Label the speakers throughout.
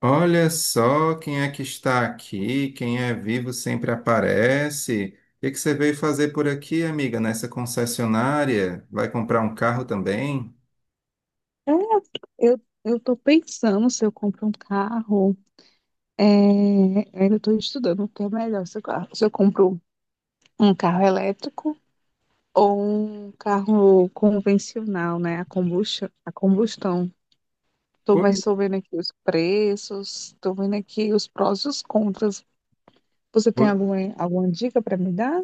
Speaker 1: Olha só quem é que está aqui, quem é vivo sempre aparece. O que que você veio fazer por aqui, amiga, nessa concessionária? Vai comprar um carro também?
Speaker 2: É, eu tô pensando se eu compro um carro, é, ainda estou estudando o que é melhor, se eu compro um carro elétrico ou um carro convencional, né, a combustão.
Speaker 1: Pois,
Speaker 2: Tô vendo aqui os preços. Estou vendo aqui os prós e os contras. Você tem alguma dica para me dar?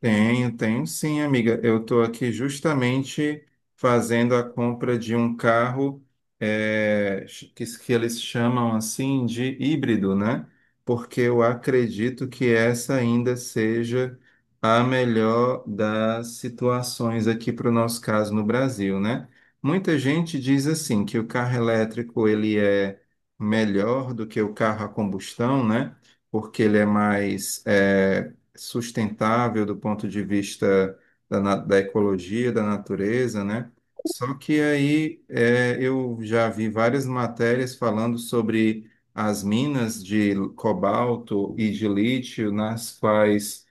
Speaker 1: tenho, tenho sim, amiga. Eu estou aqui justamente fazendo a compra de um carro que eles chamam assim de híbrido, né? Porque eu acredito que essa ainda seja a melhor das situações aqui para o nosso caso no Brasil, né? Muita gente diz assim que o carro elétrico ele é melhor do que o carro a combustão, né? Porque ele é mais sustentável do ponto de vista da ecologia, da natureza, né? Só que aí é, eu já vi várias matérias falando sobre as minas de cobalto e de lítio, nas quais,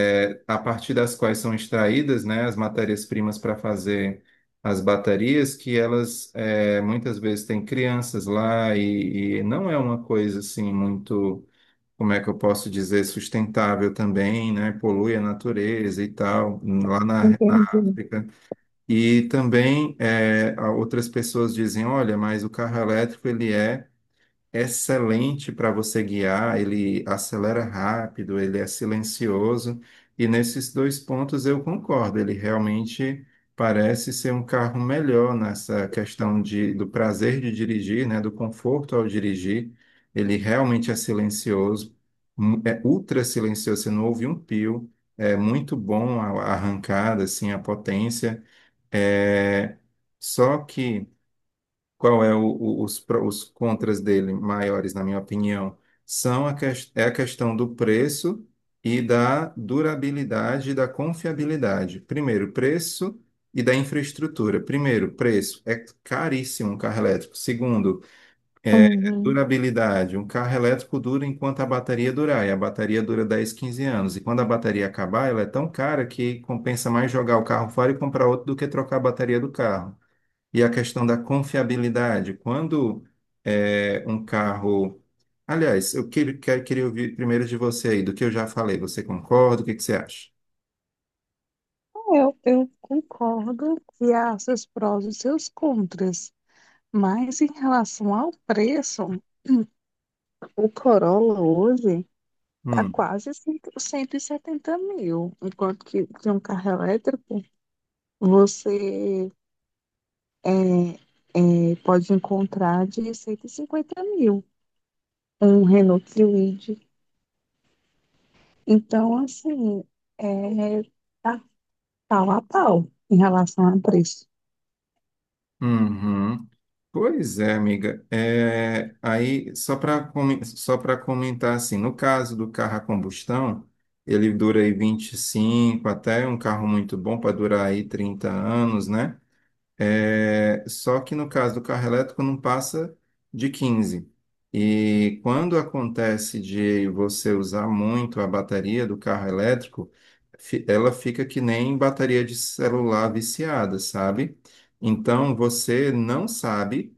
Speaker 1: é, a partir das quais são extraídas, né, as matérias-primas para fazer as baterias, que elas é, muitas vezes têm crianças lá e não é uma coisa assim muito, como é que eu posso dizer, sustentável também, né? Polui a natureza e tal, lá na
Speaker 2: Entendi.
Speaker 1: África. E também outras pessoas dizem, olha, mas o carro elétrico ele é excelente para você guiar, ele acelera rápido, ele é silencioso, e nesses dois pontos eu concordo, ele realmente parece ser um carro melhor nessa questão de, do prazer de dirigir, né, do conforto ao dirigir, ele realmente é silencioso, é ultra silencioso, você não ouve um pio, é muito bom a arrancada, assim, a potência, é... Só que qual é os, os contras dele maiores, na minha opinião? São a, é a questão do preço e da durabilidade e da confiabilidade. Primeiro, preço e da infraestrutura. Primeiro, preço. É caríssimo um carro elétrico. Segundo,
Speaker 2: Uhum.
Speaker 1: durabilidade. Um carro elétrico dura enquanto a bateria durar. E a bateria dura dez, quinze anos. E quando a bateria acabar, ela é tão cara que compensa mais jogar o carro fora e comprar outro do que trocar a bateria do carro. E a questão da confiabilidade. Quando um carro. Aliás, eu queria ouvir primeiro de você aí, do que eu já falei. Você concorda? O que que você acha?
Speaker 2: Eu concordo que há seus prós e seus contras, mas em relação ao preço, o Corolla hoje tá
Speaker 1: Hum,
Speaker 2: quase 100 170 mil, enquanto que de um carro elétrico você pode encontrar de 150 mil, um Renault Kwid. Então, assim, é, tá pau a pau em relação a preço.
Speaker 1: uhum. Pois é, amiga. É, aí, só para comentar assim, no caso do carro a combustão, ele dura aí 25, até um carro muito bom para durar aí 30 anos, né? É, só que no caso do carro elétrico não passa de 15. E quando acontece de você usar muito a bateria do carro elétrico, ela fica que nem bateria de celular viciada, sabe? Então você não sabe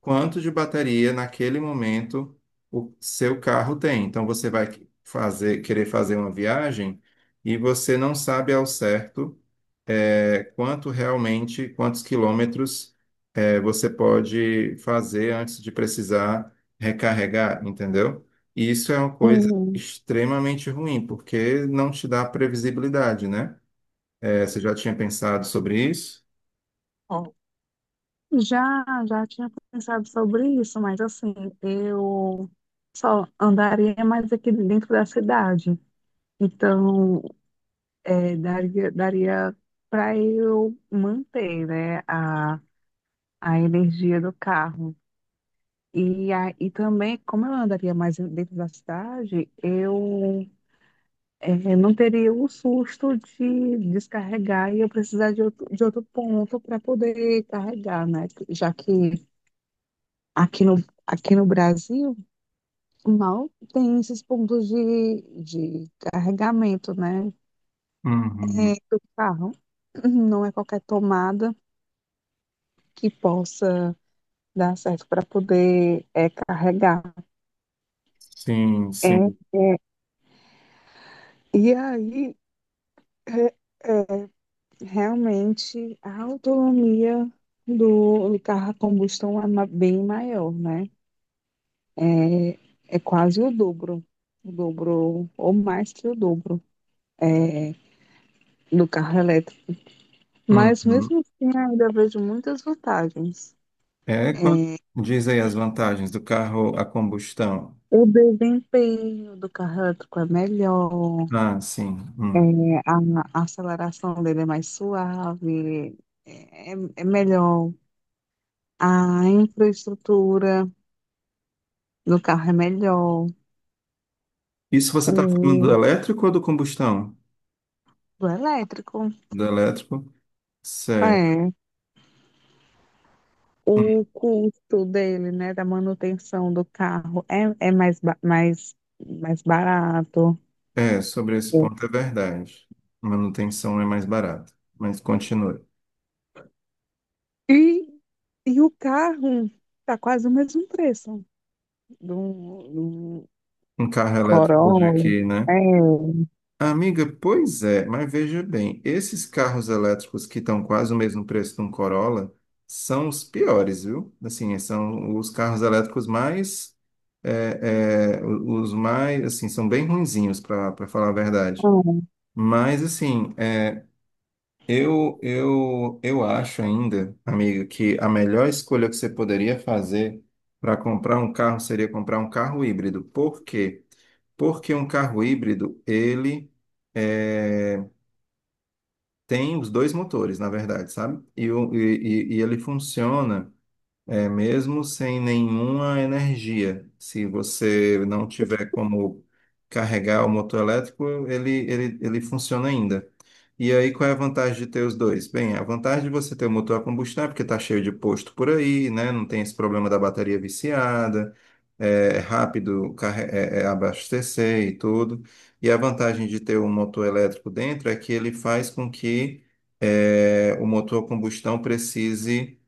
Speaker 1: quanto de bateria naquele momento o seu carro tem. Então você vai fazer, querer fazer uma viagem e você não sabe ao certo, quanto realmente, quantos quilômetros, você pode fazer antes de precisar recarregar, entendeu? E isso é uma coisa
Speaker 2: Hum,
Speaker 1: extremamente ruim, porque não te dá previsibilidade, né? É, você já tinha pensado sobre isso?
Speaker 2: ó, já, já tinha pensado sobre isso, mas assim, eu só andaria mais aqui dentro da cidade. Então, daria para eu manter, né, a energia do carro. E, e também, como eu andaria mais dentro da cidade, eu não teria o susto de descarregar e eu precisar de outro ponto para poder carregar, né? Já que aqui no, aqui no Brasil mal tem esses pontos de carregamento, né,
Speaker 1: Uhum.
Speaker 2: do carro. Não é qualquer tomada que possa dar certo para poder carregar.
Speaker 1: Sim,
Speaker 2: É,
Speaker 1: sim.
Speaker 2: e aí, é, é, realmente, a autonomia do carro a combustão é bem maior, né? É, é quase o dobro, ou mais que o dobro, é, do carro elétrico. Mas
Speaker 1: Uhum.
Speaker 2: mesmo assim, ainda vejo muitas vantagens.
Speaker 1: É quando
Speaker 2: É,
Speaker 1: diz aí as vantagens do carro a combustão.
Speaker 2: o desempenho do carro elétrico é melhor.
Speaker 1: Ah, sim.
Speaker 2: É,
Speaker 1: Hum.
Speaker 2: a aceleração dele é mais suave, é melhor. A infraestrutura do carro é melhor.
Speaker 1: Isso você está falando do
Speaker 2: O
Speaker 1: elétrico ou do combustão?
Speaker 2: do elétrico,
Speaker 1: Do elétrico? Certo.
Speaker 2: é. O custo dele, né, da manutenção do carro é mais, mais barato.
Speaker 1: É, sobre esse ponto é verdade. Manutenção é mais barata. Mas continue.
Speaker 2: E, e o carro tá quase o mesmo preço do, do
Speaker 1: Um carro elétrico de
Speaker 2: Corolla.
Speaker 1: aqui, né?
Speaker 2: É.
Speaker 1: Amiga, pois é, mas veja bem, esses carros elétricos que estão quase o mesmo preço de um Corolla são os piores, viu? Assim, são os carros elétricos mais, os mais, assim, são bem ruinzinhos, para falar a verdade. Mas, assim, eu acho ainda, amigo, que a melhor escolha que você poderia fazer para comprar um carro seria comprar um carro híbrido. Por quê? Porque um carro híbrido, ele eh, tem os dois motores, na verdade, sabe? E, e ele funciona. É, mesmo sem nenhuma energia, se você não tiver como carregar o motor elétrico, ele funciona ainda. E aí, qual é a vantagem de ter os dois? Bem, a vantagem de você ter o motor a combustão é porque está cheio de posto por aí, né? Não tem esse problema da bateria viciada, é é abastecer e tudo. E a vantagem de ter um motor elétrico dentro é que ele faz com que, o motor a combustão precise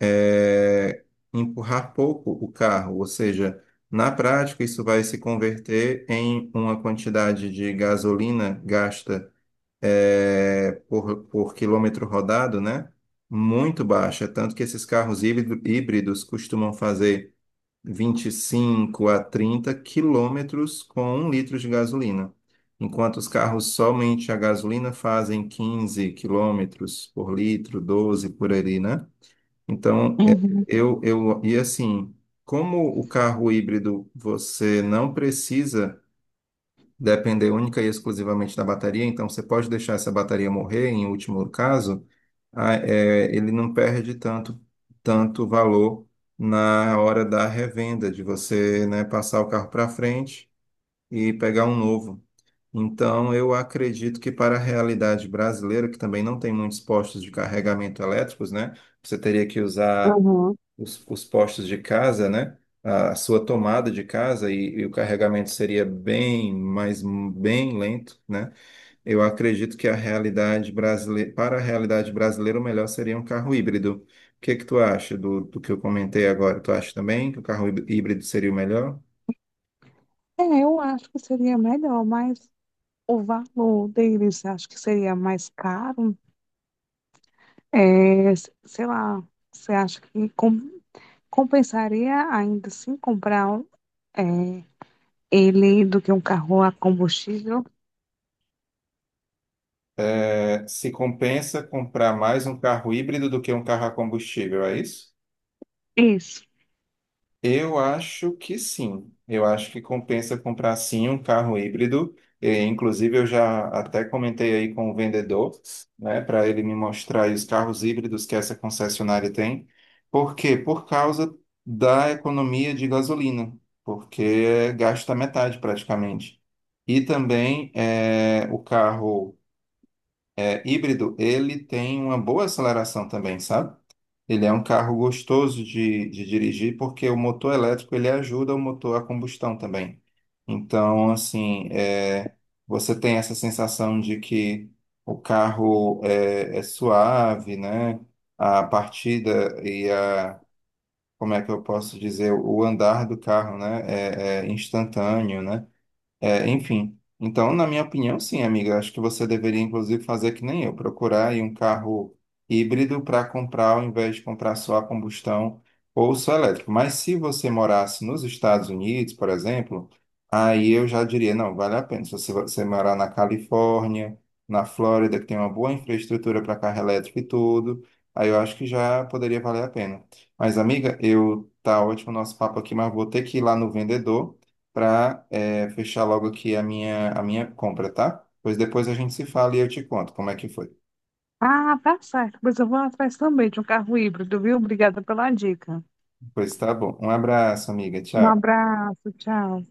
Speaker 1: é, empurrar pouco o carro, ou seja, na prática isso vai se converter em uma quantidade de gasolina gasta, por quilômetro rodado, né? Muito baixa. É tanto que esses híbridos costumam fazer 25 a 30 quilômetros com 1 litro de gasolina, enquanto os carros somente a gasolina fazem 15 quilômetros por litro, 12 por ali, né? Então, é,
Speaker 2: Uhum,
Speaker 1: eu, e assim, como o carro híbrido você não precisa depender única e exclusivamente da bateria, então você pode deixar essa bateria morrer, em último caso, ele não perde tanto, tanto valor na hora da revenda, de você, né, passar o carro para frente e pegar um novo. Então, eu acredito que para a realidade brasileira, que também não tem muitos postos de carregamento elétricos, né, você teria que usar
Speaker 2: uhum.
Speaker 1: os postos de casa, né? A sua tomada de casa e o carregamento seria bem, mas bem lento, né? Eu acredito que a realidade brasileira, para a realidade brasileira, o melhor seria um carro híbrido. O que que tu acha do que eu comentei agora? Tu acha também que o carro híbrido seria o melhor?
Speaker 2: É, eu acho que seria melhor, mas o valor deles, você acha que seria mais caro? É, sei lá, você acha que compensaria ainda assim comprar um, é, ele do que um carro a combustível?
Speaker 1: É, se compensa comprar mais um carro híbrido do que um carro a combustível, é isso?
Speaker 2: Isso.
Speaker 1: Eu acho que sim. Eu acho que compensa comprar sim um carro híbrido. E, inclusive, eu já até comentei aí com o vendedor, né, para ele me mostrar aí os carros híbridos que essa concessionária tem. Por quê? Por causa da economia de gasolina, porque gasta metade praticamente. E também é, o carro híbrido, ele tem uma boa aceleração também, sabe? Ele é um carro gostoso de dirigir porque o motor elétrico ele ajuda o motor a combustão também. Então, assim, é, você tem essa sensação de que o carro é, é suave, né? A partida e a, como é que eu posso dizer, o andar do carro, né? É, é instantâneo, né? É, enfim. Então, na minha opinião, sim, amiga. Acho que você deveria, inclusive, fazer que nem eu, procurar aí um carro híbrido para comprar, ao invés de comprar só a combustão ou só elétrico. Mas se você morasse nos Estados Unidos, por exemplo, aí eu já diria, não, vale a pena. Se você, você morar na Califórnia, na Flórida, que tem uma boa infraestrutura para carro elétrico e tudo, aí eu acho que já poderia valer a pena. Mas, amiga, eu tá ótimo o nosso papo aqui, mas vou ter que ir lá no vendedor para fechar logo aqui a minha compra, tá? Pois depois a gente se fala e eu te conto como é que foi.
Speaker 2: Ah, tá certo. Pois eu vou atrás também de um carro híbrido, viu? Obrigada pela dica.
Speaker 1: Pois tá bom. Um abraço, amiga.
Speaker 2: Um
Speaker 1: Tchau.
Speaker 2: abraço, tchau.